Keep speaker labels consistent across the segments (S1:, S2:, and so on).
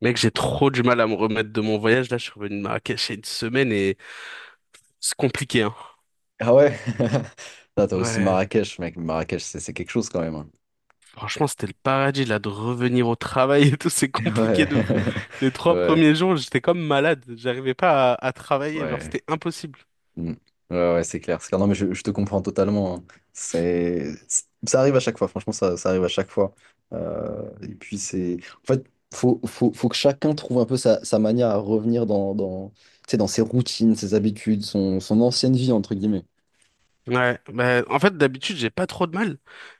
S1: Mec, j'ai trop du mal à me remettre de mon voyage. Là, je suis revenu de Marrakech il y a une semaine et c'est compliqué, hein.
S2: Ah ouais? Ah, t'as aussi
S1: Ouais,
S2: Marrakech, mec. Marrakech, c'est quelque chose quand même, hein.
S1: franchement, c'était le paradis, là, de revenir au travail et tout, c'est compliqué
S2: Ouais,
S1: de fou. Les trois
S2: ouais,
S1: premiers jours, j'étais comme malade. J'arrivais pas à travailler, genre,
S2: ouais.
S1: c'était impossible.
S2: Mm. Ouais, ouais, c'est clair. C'est clair. Non, mais je te comprends totalement, hein. Ça arrive à chaque fois. Franchement, ça arrive à chaque fois. Et puis en fait, faut que chacun trouve un peu sa manière à revenir tu sais, dans ses routines, ses habitudes, son ancienne vie entre guillemets.
S1: Ouais, bah, en fait, d'habitude, j'ai pas trop de mal.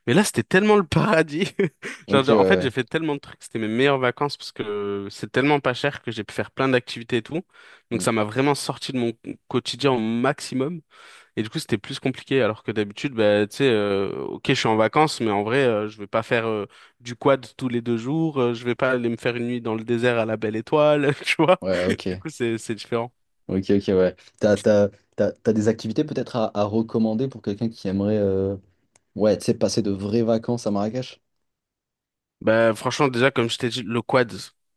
S1: Mais là, c'était tellement le paradis.
S2: Ok,
S1: Genre,
S2: ouais,
S1: genre, en fait, j'ai
S2: ouais.
S1: fait tellement de trucs. C'était mes meilleures vacances parce que c'est tellement pas cher que j'ai pu faire plein d'activités et tout. Donc,
S2: Mm.
S1: ça m'a vraiment sorti de mon quotidien au maximum. Et du coup, c'était plus compliqué, alors que d'habitude, bah, tu sais, ok, je suis en vacances, mais en vrai, je vais pas faire du quad tous les 2 jours, je vais pas aller me faire une nuit dans le désert à la Belle Étoile, tu vois.
S2: Ouais,
S1: Du
S2: ok.
S1: coup, c'est différent.
S2: Ok, ok, ouais. T'as des activités peut-être à recommander pour quelqu'un qui aimerait, ouais, tu sais, passer de vraies vacances à Marrakech?
S1: Bah, franchement, déjà, comme je t'ai dit, le quad,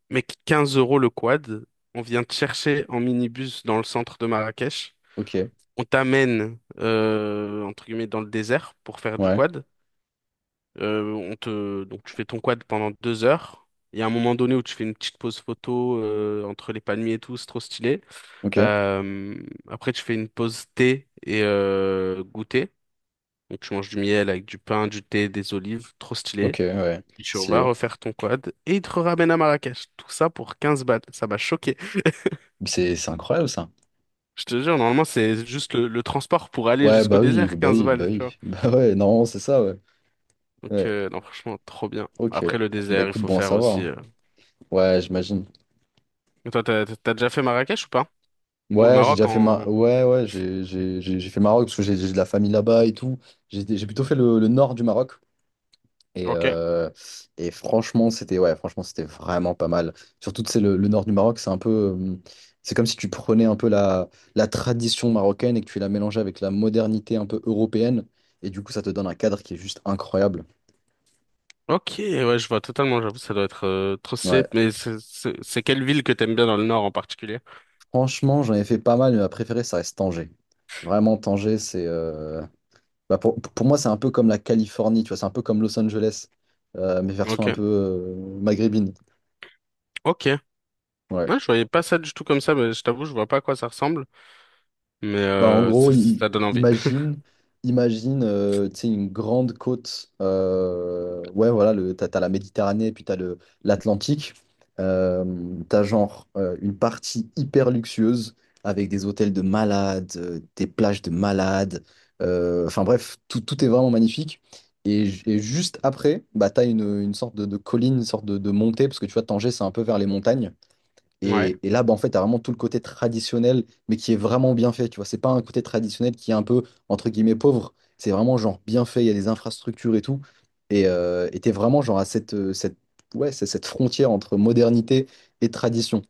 S1: mec, 15 € le quad, on vient te chercher en minibus dans le centre de Marrakech,
S2: Ok,
S1: on t'amène, entre guillemets, dans le désert pour faire du
S2: ouais,
S1: quad. Donc, tu fais ton quad pendant 2 heures. Il y a un moment donné où tu fais une petite pause photo entre les palmiers et tout, c'est trop stylé.
S2: ok,
S1: Euh, Après, tu fais une pause thé et goûter. Donc, tu manges du miel avec du pain, du thé, des olives, trop stylé.
S2: ok, ouais.
S1: Et tu vas
S2: Stylé.
S1: refaire ton quad et il te ramène à Marrakech. Tout ça pour 15 balles. Ça m'a choqué.
S2: C'est incroyable ça.
S1: Je te jure, normalement, c'est juste le transport pour aller
S2: Ouais,
S1: jusqu'au
S2: bah oui,
S1: désert,
S2: bah
S1: 15
S2: oui, bah
S1: balles, tu vois.
S2: oui. Bah ouais, non, c'est ça, ouais.
S1: Donc,
S2: Ouais,
S1: non, franchement, trop bien.
S2: ok.
S1: Après le
S2: Bah
S1: désert, il
S2: écoute,
S1: faut
S2: bon à
S1: faire
S2: savoir.
S1: aussi.
S2: hein.
S1: euh,
S2: Ouais, j'imagine.
S1: et toi, t'as déjà fait Marrakech ou pas? Ou le
S2: Ouais, j'ai
S1: Maroc
S2: déjà fait ma...
S1: en...
S2: ouais, ouais, j'ai fait Maroc parce que j'ai de la famille là-bas et tout. J'ai plutôt fait le nord du Maroc. Et,
S1: Ok.
S2: franchement, c'était ouais, franchement, c'était vraiment pas mal. Surtout, c'est le nord du Maroc, c'est comme si tu prenais un peu la tradition marocaine et que tu la mélangeais avec la modernité un peu européenne. Et du coup, ça te donne un cadre qui est juste incroyable.
S1: Ok, ouais, je vois totalement, j'avoue, ça doit être trop stylé.
S2: Ouais,
S1: Mais c'est quelle ville que t'aimes bien dans le nord en particulier?
S2: franchement, j'en ai fait pas mal, mais ma préférée, ça reste Tanger. Vraiment, Tanger, bah, pour moi, c'est un peu comme la Californie, tu vois, c'est un peu comme Los Angeles, mais version
S1: Ok.
S2: un peu maghrébine.
S1: Ok.
S2: Ouais.
S1: Ouais, je voyais pas ça du tout comme ça, mais je t'avoue, je vois pas à quoi ça ressemble. Mais
S2: Bah, en gros,
S1: ça, ça donne envie.
S2: imagine, imagine tu sais, une grande côte. Ouais, voilà, t'as la Méditerranée et puis t'as l'Atlantique. Euh, T'as genre une partie hyper luxueuse avec des hôtels de malades, des plages de malades. Enfin bref, tout est vraiment magnifique. Et juste après, bah, t'as une sorte de colline, une sorte de montée, parce que tu vois, Tanger, c'est un peu vers les montagnes.
S1: Ouais.
S2: Et là, bah, en fait, tu as vraiment tout le côté traditionnel, mais qui est vraiment bien fait, tu vois. C'est pas un côté traditionnel qui est un peu, entre guillemets, pauvre. C'est vraiment, genre, bien fait, il y a des infrastructures et tout. Et t'es vraiment, genre, ouais, c'est cette frontière entre modernité et tradition.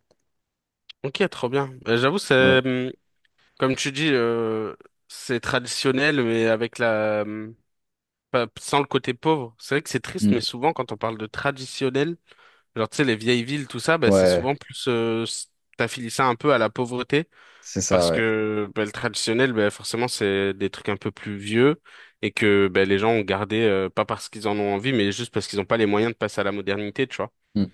S1: Ok, trop bien. J'avoue,
S2: Ouais.
S1: comme tu dis, c'est traditionnel, mais avec la... pas- sans le côté pauvre. C'est vrai que c'est triste, mais
S2: Mm.
S1: souvent, quand on parle de traditionnel, genre, tu sais, les vieilles villes, tout ça, bah, c'est
S2: Ouais,
S1: souvent plus... t'affilie ça un peu à la pauvreté.
S2: c'est ça,
S1: Parce
S2: ouais.
S1: que bah, le traditionnel, bah, forcément, c'est des trucs un peu plus vieux et que bah, les gens ont gardé, pas parce qu'ils en ont envie, mais juste parce qu'ils n'ont pas les moyens de passer à la modernité, tu vois.
S2: Mm.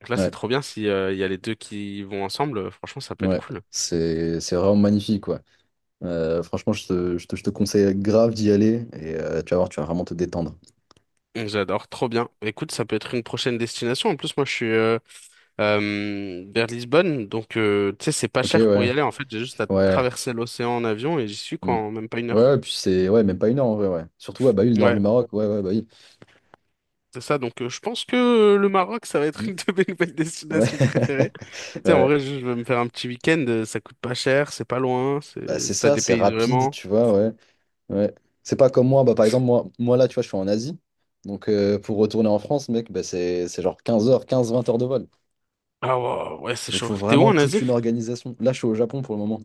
S1: Donc là, c'est
S2: Ouais,
S1: trop bien si il y a les deux qui vont ensemble. Franchement, ça peut être
S2: ouais.
S1: cool.
S2: C'est vraiment magnifique, quoi. Franchement, je te conseille grave d'y aller et tu vas voir, tu vas vraiment te détendre.
S1: J'adore, trop bien. Écoute, ça peut être une prochaine destination. En plus, moi, je suis vers Lisbonne, donc tu sais, c'est pas
S2: Ok,
S1: cher pour
S2: ouais.
S1: y aller. En fait, j'ai juste à
S2: Ouais.
S1: traverser l'océan en avion et j'y suis quoi,
S2: Mm.
S1: en même pas une
S2: Ouais,
S1: heure.
S2: ouais, puis c'est ouais, même pas une heure en vrai, ouais. Surtout ouais, bah oui, le nord du
S1: Ouais,
S2: Maroc, ouais, ouais, bah oui.
S1: c'est ça. Donc, je pense que le Maroc, ça va être
S2: Mm.
S1: une de mes nouvelles
S2: Ouais.
S1: destinations préférées. Sais, en
S2: Ouais.
S1: vrai, je vais me faire un petit week-end, ça coûte pas cher, c'est pas loin,
S2: Bah c'est
S1: ça
S2: ça, c'est
S1: dépayse
S2: rapide,
S1: vraiment.
S2: tu vois, ouais. Ouais. C'est pas comme moi, bah par exemple, moi là, tu vois, je suis en Asie. Donc pour retourner en France, mec, bah, c'est genre 15 heures, 15-20 heures de vol.
S1: Ah wow, ouais, c'est
S2: Donc
S1: chaud.
S2: faut
S1: T'es où
S2: vraiment
S1: en
S2: toute
S1: Asie?
S2: une organisation. Là, je suis au Japon pour le moment.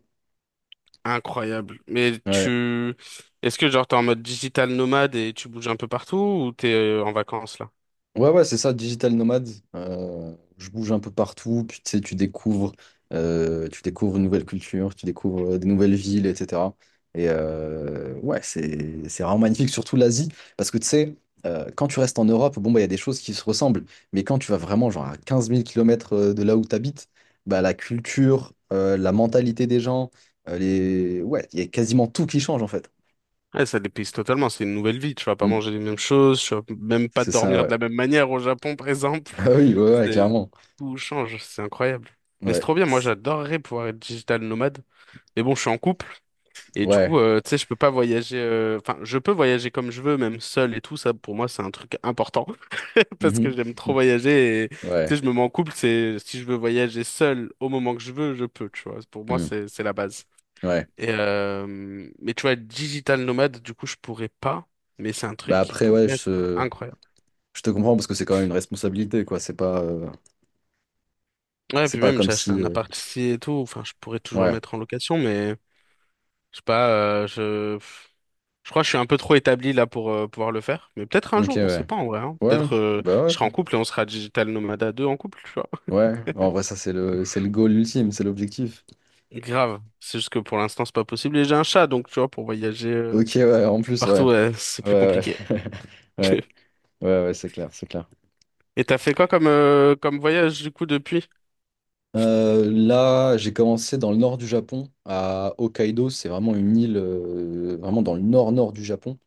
S1: Incroyable. Mais
S2: Ouais.
S1: est-ce que genre t'es en mode digital nomade et tu bouges un peu partout ou t'es en vacances là?
S2: Ouais, ouais, c'est ça, digital nomade. Je bouge un peu partout, puis tu sais, tu découvres une nouvelle culture, tu découvres des nouvelles villes, etc. Et ouais, c'est vraiment magnifique, surtout l'Asie, parce que tu sais, quand tu restes en Europe, bon, bah, il y a des choses qui se ressemblent, mais quand tu vas vraiment genre à 15 000 km de là où tu habites, bah, la culture, la mentalité des gens, ouais, il y a quasiment tout qui change en fait.
S1: Ouais, ça dépayse totalement, c'est une nouvelle vie, tu vas pas
S2: Mm.
S1: manger les mêmes choses, tu vas même pas
S2: C'est ça,
S1: dormir de
S2: ouais.
S1: la même manière au Japon par exemple.
S2: Ah oui, ouais, ouais,
S1: C'est,
S2: clairement.
S1: Tout change, c'est incroyable. Mais c'est
S2: Ouais.
S1: trop bien, moi j'adorerais pouvoir être digital nomade. Mais bon, je suis en couple. Et du
S2: Ouais.
S1: coup, tu sais, je peux pas voyager. Enfin, je peux voyager comme je veux, même seul et tout. Ça, pour moi, c'est un truc important parce que j'aime trop voyager. Et tu sais,
S2: Ouais,
S1: je me mets en couple. C'est si je veux voyager seul au moment que je veux, je peux. Tu vois, pour moi,
S2: hmm,
S1: c'est la base.
S2: ouais.
S1: Et mais tu vois, être digital nomade, du coup, je pourrais pas. Mais c'est un
S2: Bah
S1: truc qui
S2: après, ouais,
S1: pourrait être
S2: je,
S1: incroyable.
S2: je te comprends parce que c'est quand même une responsabilité, quoi. C'est pas, euh,
S1: Ouais,
S2: c'est
S1: puis
S2: pas
S1: même,
S2: comme
S1: j'ai acheté
S2: si.
S1: un appart ici et tout. Enfin, je pourrais toujours le
S2: Ouais,
S1: mettre en location, mais je sais pas. Je crois que je suis un peu trop établi là pour pouvoir le faire. Mais peut-être un
S2: ok,
S1: jour, on sait
S2: ouais.
S1: pas en vrai, hein.
S2: Ouais,
S1: Peut-être
S2: bah
S1: je serai
S2: ouais.
S1: en couple et on sera Digital Nomade à deux en couple, tu vois.
S2: Ouais, en vrai, ça, c'est le goal ultime, c'est l'objectif.
S1: Grave. C'est juste que pour l'instant, c'est pas possible. Et j'ai un chat, donc tu vois, pour voyager
S2: Ok, ouais, en plus,
S1: partout,
S2: ouais.
S1: ouais, c'est plus
S2: Ouais,
S1: compliqué.
S2: ouais. Ouais, ouais, ouais, c'est clair, c'est clair.
S1: Et t'as fait quoi comme voyage du coup depuis?
S2: Là, j'ai commencé dans le nord du Japon, à Hokkaido. C'est vraiment une île, vraiment dans le nord-nord du Japon.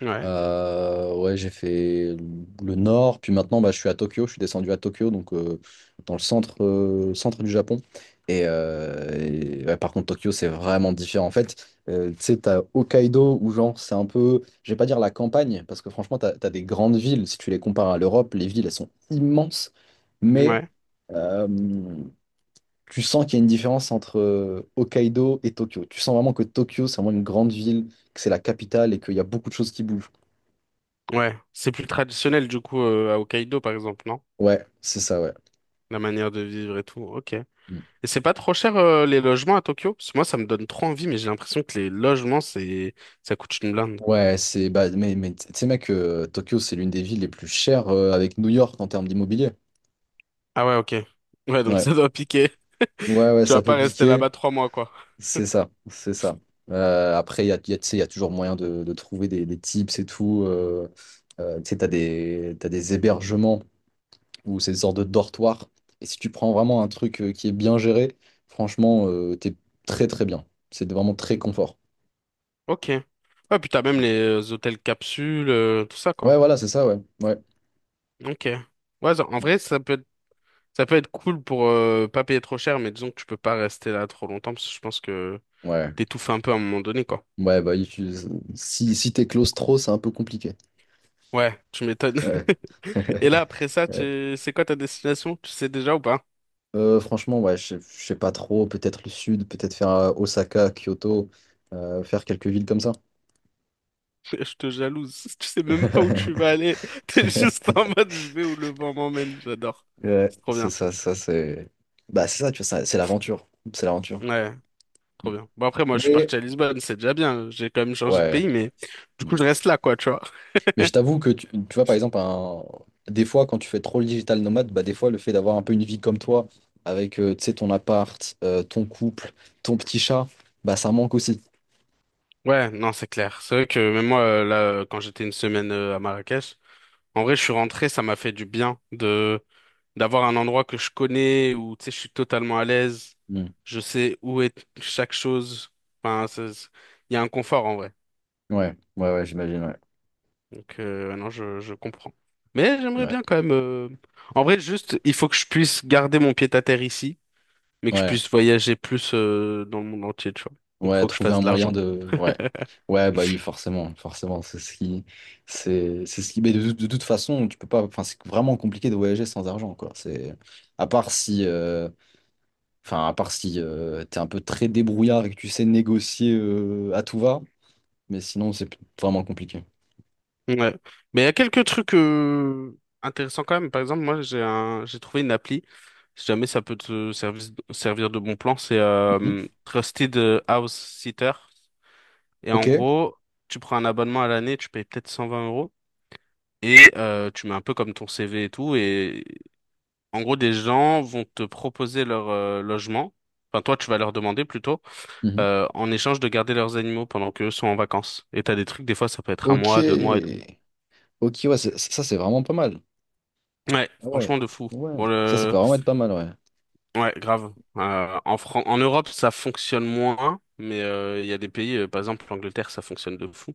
S1: Ouais.
S2: Ouais, j'ai fait le nord, puis maintenant bah, je suis à Tokyo, je suis descendu à Tokyo, donc dans le centre, centre du Japon. Et, ouais, par contre, Tokyo, c'est vraiment différent. En fait, tu sais, t'as Hokkaido, où genre, c'est un peu, je vais pas dire la campagne, parce que franchement, t'as des grandes villes, si tu les compares à l'Europe, les villes, elles sont immenses, mais
S1: Ouais.
S2: euh, tu sens qu'il y a une différence entre Hokkaido et Tokyo. Tu sens vraiment que Tokyo, c'est vraiment une grande ville, que c'est la capitale et qu'il y a beaucoup de choses qui bougent.
S1: Ouais. C'est plus traditionnel du coup à Hokkaido par exemple, non?
S2: Ouais, c'est ça, ouais.
S1: La manière de vivre et tout. Ok. Et
S2: Mm.
S1: c'est pas trop cher les logements à Tokyo? Parce que moi, ça me donne trop envie, mais j'ai l'impression que les logements, c'est ça coûte une blinde.
S2: Ouais, c'est bah, mais tu sais mec, Tokyo c'est l'une des villes les plus chères avec New York en termes d'immobilier.
S1: Ah ouais, ok. Ouais, donc
S2: Ouais.
S1: ça doit piquer.
S2: Ouais, ouais,
S1: Tu
S2: ça
S1: vas
S2: peut
S1: pas rester
S2: piquer,
S1: là-bas 3 mois, quoi.
S2: c'est ça, c'est ça. Après, tu sais, il y a toujours moyen de trouver des tips et tout. Tu sais, t'as des hébergements ou ces sortes de dortoirs. Et si tu prends vraiment un truc qui est bien géré, franchement, t'es très très bien. C'est vraiment très confort.
S1: Ok. Ouais, puis t'as même les hôtels capsules, tout ça,
S2: Ouais,
S1: quoi.
S2: voilà, c'est ça, ouais. Ouais.
S1: Ok. Ouais, en vrai, ça peut être cool pour pas payer trop cher, mais disons que tu peux pas rester là trop longtemps parce que je pense que
S2: Ouais.
S1: t'étouffes un peu à un moment donné, quoi.
S2: Ouais, bah, si t'es close trop, c'est un peu compliqué.
S1: Ouais, tu m'étonnes.
S2: Ouais.
S1: Et là, après ça,
S2: Ouais.
S1: c'est quoi ta destination? Tu sais déjà ou pas?
S2: Franchement, ouais, je sais pas trop. Peut-être le sud, peut-être faire Osaka, Kyoto, faire quelques villes comme ça.
S1: Je te jalouse. Tu sais même pas où tu vas aller. T'es juste en mode, je vais où le vent m'emmène. J'adore.
S2: Ouais,
S1: C'est trop
S2: c'est
S1: bien.
S2: ça, ça, c'est. Bah, c'est ça, tu vois, c'est l'aventure. C'est l'aventure.
S1: Ouais. Trop bien. Bon, après, moi, je suis
S2: Mais,
S1: parti à Lisbonne, c'est déjà bien. J'ai quand même changé de
S2: ouais.
S1: pays, mais du coup,
S2: Mm.
S1: je reste là, quoi, tu vois.
S2: Mais je t'avoue que, tu vois, par exemple, des fois, quand tu fais trop le digital nomade, bah, des fois, le fait d'avoir un peu une vie comme toi, avec, tu sais, ton appart, ton couple, ton petit chat, bah, ça manque aussi.
S1: Ouais, non, c'est clair. C'est vrai que même moi, là, quand j'étais une semaine à Marrakech, en vrai, je suis rentré, ça m'a fait du bien de d'avoir un endroit que je connais, où, tu sais, je suis totalement à l'aise.
S2: Mm.
S1: Je sais où est chaque chose. Enfin, il y a un confort, en vrai.
S2: Ouais, ouais, ouais, j'imagine, ouais.
S1: Donc, non, je comprends. Mais j'aimerais
S2: Ouais,
S1: bien quand même... En vrai, juste, il faut que je puisse garder mon pied-à-terre ici. Mais que je
S2: ouais,
S1: puisse voyager plus dans le monde entier, tu vois. Donc
S2: ouais,
S1: faut que je
S2: trouver
S1: fasse
S2: un
S1: de
S2: moyen
S1: l'argent.
S2: de. Ouais, ouais, bah oui, forcément, forcément, c'est ce qui. C'est ce qui. Mais de toute façon, tu peux pas. Enfin, c'est vraiment compliqué de voyager sans argent, quoi. À part si... Enfin, à part si t'es un peu très débrouillard et que tu sais négocier à tout va, mais sinon, c'est vraiment compliqué.
S1: Ouais. Mais il y a quelques trucs intéressants quand même. Par exemple, moi j'ai trouvé une appli, si jamais ça peut te servir de bon plan, c'est
S2: Mhm.
S1: Trusted House Sitter. Et
S2: Ok.
S1: en gros, tu prends un abonnement à l'année, tu payes peut-être 120 euros. Et tu mets un peu comme ton CV et tout. Et en gros, des gens vont te proposer leur logement. Enfin, toi, tu vas leur demander plutôt.
S2: Mhm.
S1: En échange de garder leurs animaux pendant qu'eux sont en vacances. Et t'as des trucs, des fois, ça peut être un
S2: Ok.
S1: mois, deux mois et tout.
S2: Ok, ouais, ça, c'est vraiment pas mal.
S1: Ouais,
S2: Ah ouais,
S1: franchement, de fou. Bon,
S2: ouais. Ça peut vraiment être pas mal, ouais.
S1: Ouais, grave. En Europe, ça fonctionne moins, mais il y a des pays, par exemple l'Angleterre, ça fonctionne de fou.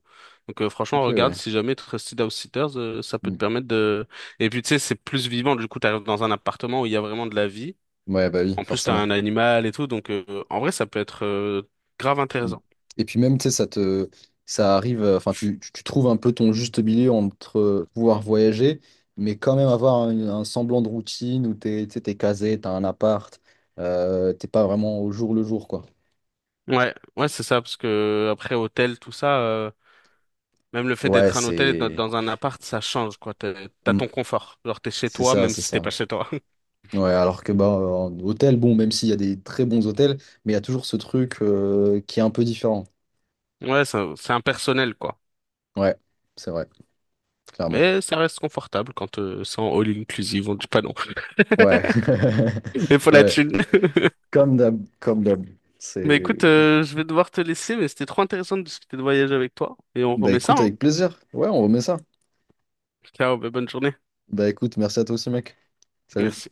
S1: Donc franchement,
S2: Ok,
S1: regarde,
S2: ouais.
S1: si jamais Trusted House Sitters, ça peut te
S2: Mmh.
S1: permettre de... Et puis tu sais, c'est plus vivant, du coup, t'arrives dans un appartement où il y a vraiment de la vie.
S2: Ouais, bah oui,
S1: En plus, t'as
S2: forcément.
S1: un animal et tout, donc en vrai, ça peut être grave
S2: Mm.
S1: intéressant.
S2: Et puis même, tu sais, ça arrive, enfin, tu trouves un peu ton juste milieu entre pouvoir voyager, mais quand même avoir un semblant de routine où tu sais, t'es casé, t'as un appart, t'es pas vraiment au jour le jour, quoi.
S1: Ouais, ouais, c'est ça, parce que après hôtel, tout ça. Même le fait
S2: Ouais,
S1: d'être un hôtel et d'être dans un appart, ça change, quoi. T'as
S2: Mm.
S1: ton confort. Genre, t'es chez
S2: C'est
S1: toi,
S2: ça,
S1: même
S2: c'est
S1: si t'es
S2: ça.
S1: pas chez toi.
S2: Ouais, alors que bah, en hôtel, bon, même s'il y a des très bons hôtels, mais il y a toujours ce truc qui est un peu différent.
S1: Ouais, c'est impersonnel, quoi.
S2: Ouais, c'est vrai, clairement.
S1: Mais ça reste confortable quand c'est en all inclusive, on dit pas non.
S2: Ouais,
S1: Mais faut la
S2: ouais.
S1: thune.
S2: Comme d'hab, comme d'hab.
S1: Mais
S2: C'est...
S1: écoute, je vais devoir te laisser, mais c'était trop intéressant de discuter de voyage avec toi. Et on
S2: Bah
S1: remet ça,
S2: écoute,
S1: hein.
S2: avec plaisir. Ouais, on remet ça.
S1: Ciao, bah, bonne journée.
S2: Bah écoute, merci à toi aussi, mec. Salut.
S1: Merci.